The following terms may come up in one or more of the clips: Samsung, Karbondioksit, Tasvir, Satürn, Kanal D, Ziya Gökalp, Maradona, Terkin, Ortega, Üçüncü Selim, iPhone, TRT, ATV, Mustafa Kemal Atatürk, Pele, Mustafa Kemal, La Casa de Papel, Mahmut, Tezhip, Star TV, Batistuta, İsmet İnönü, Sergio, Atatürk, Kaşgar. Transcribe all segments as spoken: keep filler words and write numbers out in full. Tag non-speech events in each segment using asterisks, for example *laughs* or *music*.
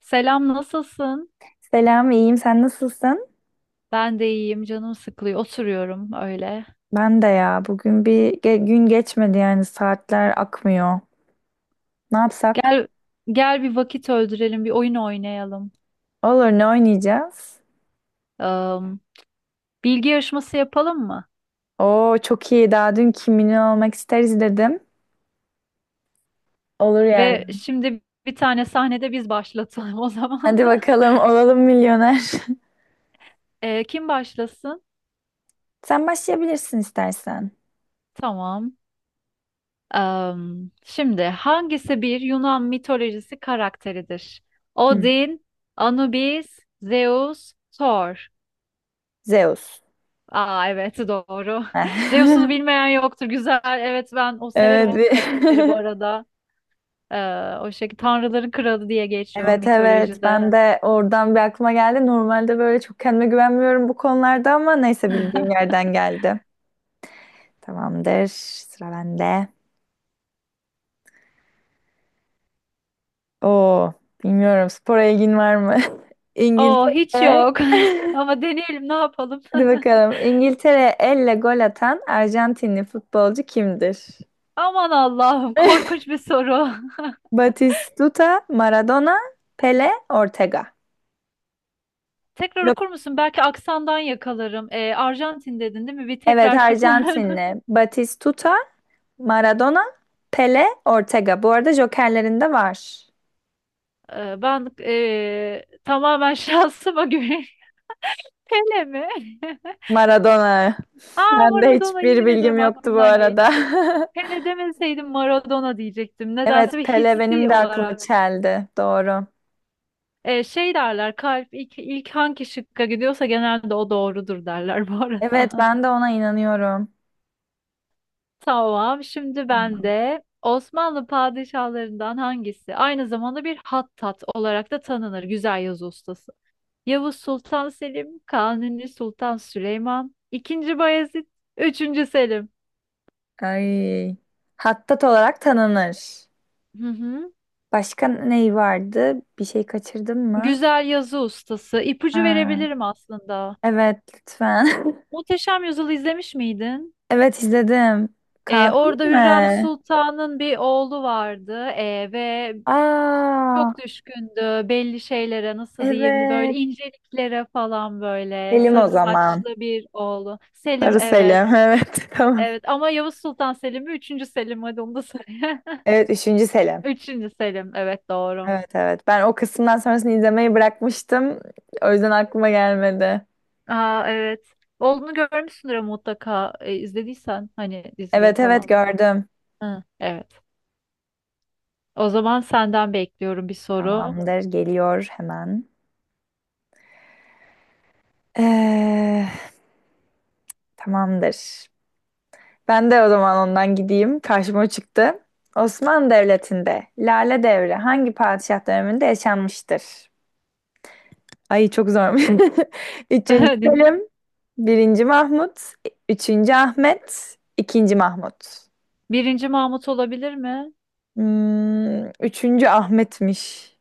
Selam, nasılsın? Selam, iyiyim. Sen nasılsın? Ben de iyiyim, canım sıkılıyor. Oturuyorum öyle. Ben de ya. Bugün bir ge- gün geçmedi yani saatler akmıyor. Ne yapsak? Gel, gel bir vakit öldürelim, bir oyun oynayalım. Olur, ne oynayacağız? Am, bilgi yarışması yapalım mı? Oo, çok iyi. Daha dün Kim Milyon Olmak isteriz dedim. Olur yani. Ve şimdi bir tane sahnede biz başlatalım o zaman. Hadi *laughs* bakalım olalım milyoner. E, kim başlasın? *laughs* Sen başlayabilirsin istersen. Tamam. Am, şimdi hangisi bir Yunan mitolojisi karakteridir? Hı. Odin, Anubis, Zeus, Thor. Zeus. Aa, evet doğru. *laughs* Zeus'u Heh. *laughs* bilmeyen yoktur. Güzel. Evet, ben o severim Evet. o bir- karakteri bu *laughs* arada. Ee, o şekilde Tanrıların Kralı diye geçiyor Evet evet. mitolojide. Ben de oradan bir aklıma geldi. Normalde böyle çok kendime güvenmiyorum bu konularda ama neyse bildiğim yerden geldi. Tamamdır. Sıra bende. Oo, bilmiyorum. Spora ilgin var mı? *laughs* Oo, hiç İngiltere. yok. *laughs* *laughs* Ama deneyelim, ne yapalım. Hadi *laughs* bakalım. İngiltere elle gol atan Arjantinli futbolcu kimdir? Aman Allah'ım, *laughs* korkunç bir soru. Batistuta, Maradona, Pele, Ortega. *laughs* Tekrar Yok. okur musun? Belki aksandan yakalarım. Ee, Arjantin dedin değil mi? Bir Evet, tekrar şıklar. *laughs* Arjantinli. Batistuta, Maradona, Pele, Ortega. Bu arada jokerlerinde var. Ee, ben ee, tamamen şansıma güveniyorum. *laughs* Pele mi? *laughs* Maradona. *laughs* Ben de Maradona, hiçbir yemin bilgim ederim yoktu bu aklımdan arada. geçti. *laughs* Hele demeseydim Maradona diyecektim. Nedense Evet, bir Pele benim hissi de aklımı olarak. çeldi. Doğru. Ee, şey derler, kalp ilk, ilk hangi şıkka gidiyorsa genelde o doğrudur derler bu Evet, arada. ben de ona inanıyorum. *laughs* Tamam, şimdi ben Tamam. de. Osmanlı padişahlarından hangisi aynı zamanda bir hattat olarak da tanınır, güzel yazı ustası? Yavuz Sultan Selim, Kanuni Sultan Süleyman, ikinci. Bayezid, Üçüncü Selim. Ay. Hattat olarak tanınır. Hı hı. Başka neyi vardı? Bir şey kaçırdım mı? Güzel yazı ustası. İpucu Ha. verebilirim aslında. Evet, lütfen. *laughs* Muhteşem Yüzyıl'ı izlemiş miydin? Evet, izledim. Ee, Kanun orada Hürrem mi? Sultan'ın bir oğlu vardı ee, ve Aa, çok düşkündü belli şeylere, nasıl diyeyim, böyle evet. inceliklere falan, böyle Selim o sarı zaman. saçlı bir oğlu. Selim, Sarı evet. Selim. *laughs* Evet, tamam. Evet ama Yavuz Sultan Selim mi? Üçüncü Selim, hadi onu da söyle. *laughs* Evet, üçüncü Selim. Üçüncü Selim, evet, doğru. Evet, evet. Ben o kısımdan sonrasını izlemeyi bırakmıştım. O yüzden aklıma gelmedi. Aa, evet. Oğlunu görmüşsündür ama mutlaka, e, izlediysen hani dizide Evet evet, falan. tamam, gördüm. Hı, evet. O zaman senden bekliyorum bir soru. Tamamdır, geliyor hemen. Ee, Tamamdır. Ben de o zaman ondan gideyim. Karşıma o çıktı. Osmanlı Devleti'nde Lale Devri hangi padişah döneminde yaşanmıştır? Ay çok zor. *laughs* Üçüncü *laughs* Dinle. Selim, birinci Mahmut, üçüncü Ahmet, ikinci Mahmut. Birinci Mahmut olabilir mi? Hmm, üçüncü Ahmet'miş.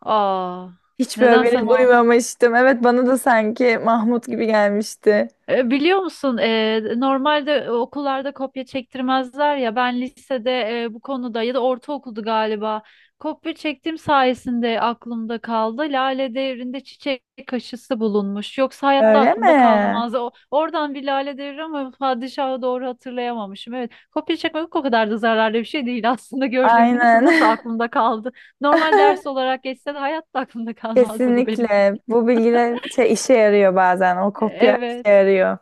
Aa, Hiç böyle nedense beni Mahmut. duymamıştım. Evet bana da sanki Mahmut gibi gelmişti. E, Biliyor musun, e, normalde e, okullarda kopya çektirmezler ya, ben lisede, e, bu konuda, ya da ortaokuldu galiba, kopya çektiğim sayesinde aklımda kaldı. Lale Devri'nde çiçek aşısı bulunmuş. Yoksa hayatta Öyle mi? aklımda kalmaz. O, oradan bir Lale Devri ama padişahı doğru hatırlayamamışım. Evet, kopya çekmek o kadar da zararlı bir şey değil *laughs* aslında, gördüğün gibi. Ne kız, nasıl Aynen. aklımda kaldı? Normal ders *laughs* olarak geçse de hayatta aklımda kalmazdı bu benim. Kesinlikle. Bu bilgiler şey, işe yarıyor bazen. O E, kopya işe Evet. yarıyor.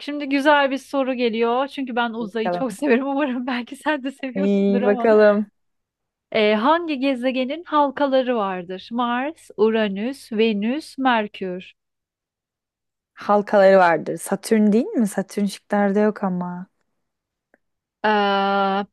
Şimdi güzel bir soru geliyor. Çünkü ben uzayı çok *laughs* Bakalım. severim. Umarım belki sen de seviyorsundur İyi ama. bakalım. Ee, hangi gezegenin halkaları vardır? Mars, Uranüs, Venüs, Merkür. Halkaları vardır. Satürn değil mi? Satürn şıklarda yok ama. Ee,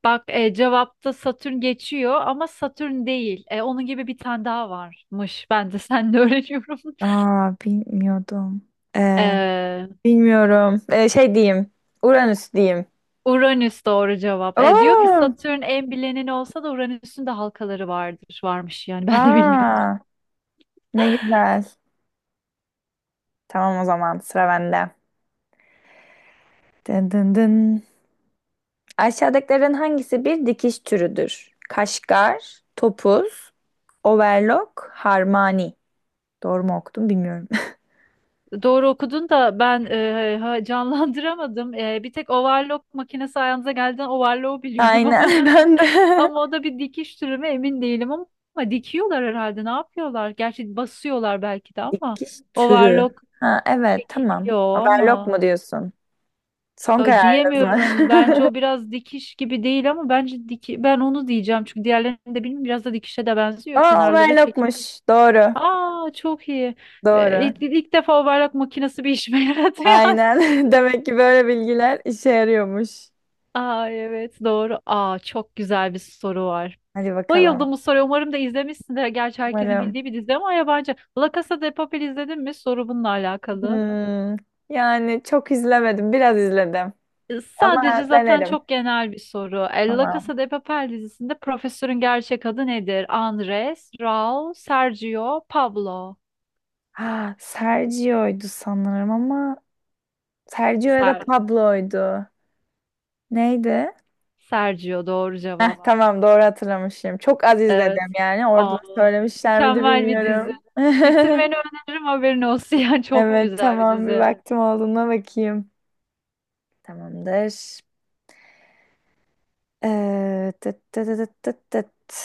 bak, e, cevapta Satürn geçiyor ama Satürn değil. E, onun gibi bir tane daha varmış. *laughs* Ben de seninle *laughs* öğreniyorum. Aa, bilmiyordum. Ee, Ee, bilmiyorum. Ee, şey diyeyim. Uranüs diyeyim. Uranüs doğru cevap. E, diyor ki Oo! Satürn en bilineni olsa da Uranüs'ün de halkaları vardır. Varmış yani, ben de bilmiyorum. Aa, ne güzel. Tamam, o zaman sıra bende. Dın dın dın. Aşağıdakilerin hangisi bir dikiş türüdür? Kaşgar, topuz, overlock, harmani. Doğru mu okudum bilmiyorum. Doğru okudun da ben e, ha- canlandıramadım. E, bir tek overlock makinesi ayağınıza geldiğinden overlock *laughs* biliyorum ama, Aynen, *laughs* *laughs* ben de. ama o da bir dikiş türü mü emin değilim, ama, ama dikiyorlar herhalde. Ne yapıyorlar? Gerçi basıyorlar belki de ama Dikiş türü. overlock Ha, evet, tamam. çekiliyor Overlock ama, mu diyorsun? Son ay, kararınız mı? diyemiyorum. Bence o *laughs* biraz dikiş gibi değil ama, bence diki, ben onu diyeceğim, çünkü diğerlerini de bilmiyorum. Biraz da dikişe de benziyor. Aa, Kenarları çekiyor. overlockmuş. Doğru. Aa, çok iyi. E, Doğru. ilk, ilk defa overlock makinesi bir işime yaradı *laughs* yani. Aynen. *laughs* Demek ki böyle bilgiler işe yarıyormuş. Aa, evet, doğru. Aa, çok güzel bir soru var. Hadi Bayıldım bakalım. bu soruya. Umarım da izlemişsindir. Gerçi herkesin bildiği Umarım. bir dizi ama yabancı. La Casa de Papel izledin mi? Soru bununla alakalı. Hmm. Yani çok izlemedim. Biraz izledim. E, Ama Sadece, zaten denerim. çok genel bir soru. E, La Tamam. Casa de Papel dizisinde profesörün gerçek adı nedir? Andres, Raul, Sergio, Pablo. Ha, Sergio'ydu sanırım ama Sergio ya da Ser Pablo'ydu. Neydi? Sergio doğru Heh, cevap. tamam, doğru hatırlamışım. Çok az Evet. izledim yani. Orada Aa, söylemişler miydi mükemmel bir dizi. bilmiyorum. *laughs* Bitirmeni öneririm, haberin olsun. *laughs* Yani çok Evet, güzel bir tamam, bir dizi. vaktim olduğuna bakayım. Tamamdır. Ee, tıt tıt tıt tıt tıt.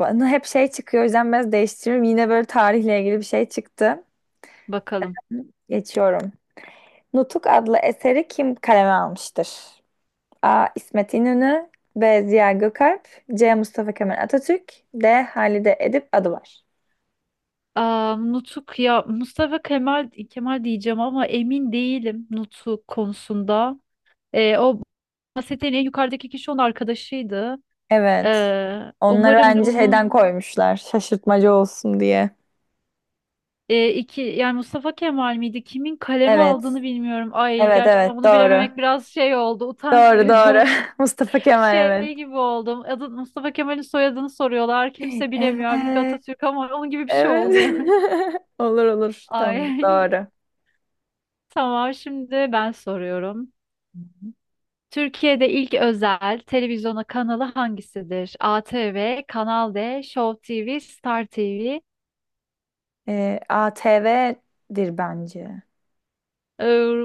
Bana hep şey çıkıyor, o yüzden biraz değiştiriyorum. Yine böyle tarihle ilgili bir şey çıktı. Bakalım. Geçiyorum. Nutuk adlı eseri kim kaleme almıştır? A. İsmet İnönü, B. Ziya Gökalp, C. Mustafa Kemal Atatürk, D. Halide Edip Adıvar. Aa, Nutuk, ya Mustafa Kemal Kemal diyeceğim ama emin değilim Nutuk konusunda. Ee, o bahsettiğin en yukarıdaki kişi onun arkadaşıydı. Evet. Ee, Onları umarım bence bunu, şeyden koymuşlar. Şaşırtmacı olsun diye. e, iki yani, Mustafa Kemal miydi? Kimin kaleme Evet. aldığını bilmiyorum. Ay, Evet gerçekten evet bunu bilememek doğru. biraz şey oldu. Utanç Doğru verici doğru. oldu. *laughs* Mustafa *laughs* Kemal, Şey evet. gibi oldum. Adı Mustafa Kemal'in, soyadını soruyorlar, kimse bilemiyor. Halbuki Evet. Atatürk, ama onun gibi bir şey Evet. oldu yani. *laughs* *laughs* Olur olur. Tamam, Ay, doğru. *laughs* tamam, şimdi ben soruyorum. Türkiye'de ilk özel televizyona kanalı hangisidir? A T V, Kanal D, Show T V, Star T V. Ee, A T V'dir bence. Doğru. Ee,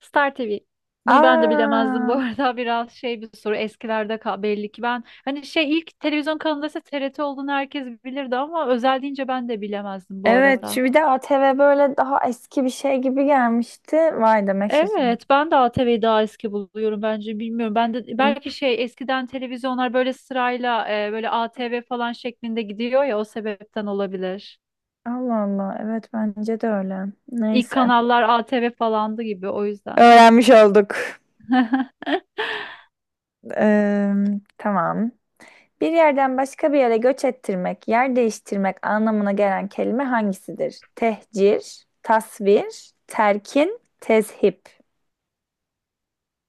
Star T V. Bunu ben de bilemezdim bu Aa, arada. *laughs* Biraz şey bir soru. Eskilerde kal- belli ki, ben hani şey, ilk televizyon kanalında ise T R T olduğunu herkes bilirdi ama özel deyince ben de bilemezdim bu evet, doğru. arada. Şu bir de A T V böyle daha eski bir şey gibi gelmişti. Vay, demek şaşırdım. Evet, ben de A T V'yi daha eski buluyorum bence, bilmiyorum. Ben de Hı. belki şey, eskiden televizyonlar böyle sırayla, e, böyle A T V falan şeklinde gidiyor ya, o sebepten olabilir. Allah Allah, evet, bence de öyle. İlk Neyse. kanallar A T V falandı gibi, o yüzden. Öğrenmiş olduk. *laughs* Ee, tamam. Bir yerden başka bir yere göç ettirmek, yer değiştirmek anlamına gelen kelime hangisidir? Tehcir, tasvir, terkin, tezhip.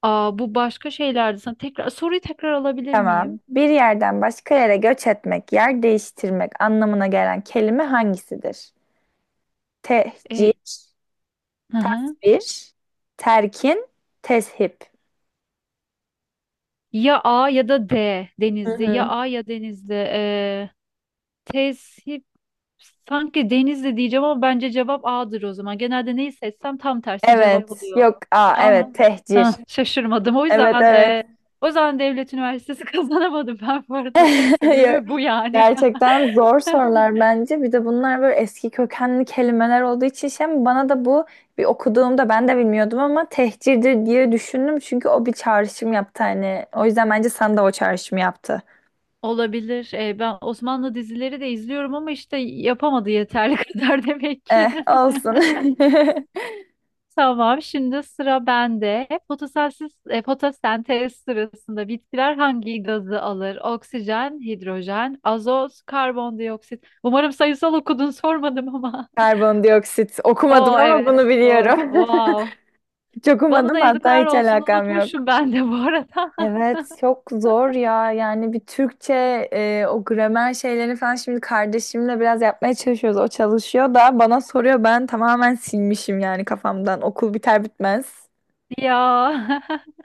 Aa, bu başka şeylerdi. Sana tekrar soruyu tekrar alabilir Tamam. miyim? Bir yerden başka yere göç etmek, yer değiştirmek anlamına gelen kelime hangisidir? Tehcir, E, hı hı. tasvir, terkin, teship. Ya A ya da D, Hı Denizli. Ya hı. A ya Denizli. E, tesip, sanki Denizli diyeceğim ama bence cevap A'dır o zaman. Genelde neyi seçsem tam tersi cevap Evet. oluyor. Yok. Aa, A mı? evet. Tehcir. Hah, şaşırmadım. O Evet, yüzden evet. e, o yüzden Devlet Üniversitesi *laughs* kazanamadım ben bu arada. Tek *laughs* Yok. sebebi bu yani. Gerçekten zor sorular *laughs* bence. Bir de bunlar böyle eski kökenli kelimeler olduğu için şey, bana da bu bir okuduğumda ben de bilmiyordum ama tehcirdir diye düşündüm. Çünkü o bir çağrışım yaptı hani. O yüzden bence sana da o çağrışımı yaptı. Olabilir. Ee, ben Osmanlı dizileri de izliyorum ama işte yapamadı yeterli *laughs* kadar, demek Eh, ki. *laughs* olsun. *laughs* Tamam, şimdi sıra bende. Fotosensiz, e, fotosentez sırasında bitkiler hangi gazı alır? Oksijen, hidrojen, azot, karbondioksit. Umarım sayısal okudun, sormadım ama. Karbondioksit. *laughs* Okumadım Oo, ama evet, bunu doğru. biliyorum. *laughs* Wow. Çok Bana umadım da hatta, yazıklar hiç olsun, alakam yok. unutmuşum ben de bu arada. Evet, çok zor ya. Yani bir Türkçe e, o gramer şeylerini falan şimdi kardeşimle biraz yapmaya çalışıyoruz. O çalışıyor da bana soruyor. Ben tamamen silmişim yani kafamdan. Okul biter bitmez. *laughs* Ya. *laughs*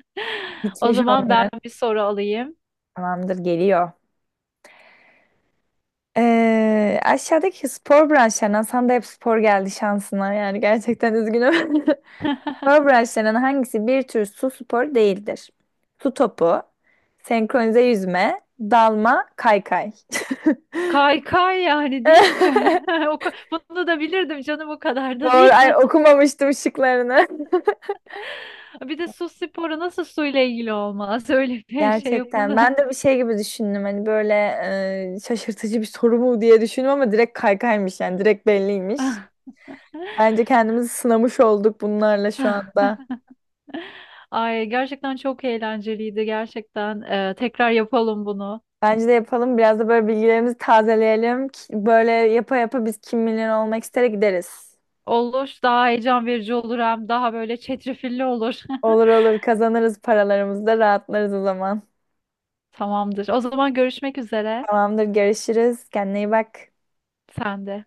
O Gitmiş zaman ben olmuş, bir soru alayım. tamamdır, geliyor. Ee, aşağıdaki spor branşlarından sana da hep spor geldi şansına. Yani gerçekten üzgünüm. *laughs* *laughs* Powerbraçlarının hangisi bir tür su spor değildir? Su topu, senkronize yüzme, dalma, kaykay. Kaykay, yani değil mi? *laughs* *laughs* O ka- Bunu da bilirdim canım, o kadar da Doğru. değil. Ay, okumamıştım şıklarını. *laughs* Bir de su sporu nasıl suyla ilgili olmaz? *laughs* Öyle *laughs* bir şey Gerçekten. yapıldı. Ben de bir şey gibi düşündüm. Hani böyle e, şaşırtıcı bir soru mu diye düşündüm ama direkt kaykaymış yani. Direkt belliymiş. *laughs* Bence kendimizi sınamış olduk bunlarla şu anda. Ay, gerçekten çok eğlenceliydi, gerçekten. Ee, tekrar yapalım bunu. Bence de yapalım. Biraz da böyle bilgilerimizi tazeleyelim. Ki- Böyle yapa yapa biz Kim Milyoner Olmak istere gideriz. Olur, daha heyecan verici olur, hem daha böyle çetrefilli olur. *laughs* Olur olur, kazanırız paralarımızı da rahatlarız o zaman. Tamamdır. O zaman görüşmek üzere. Tamamdır, görüşürüz. Kendine iyi bak. Sen de.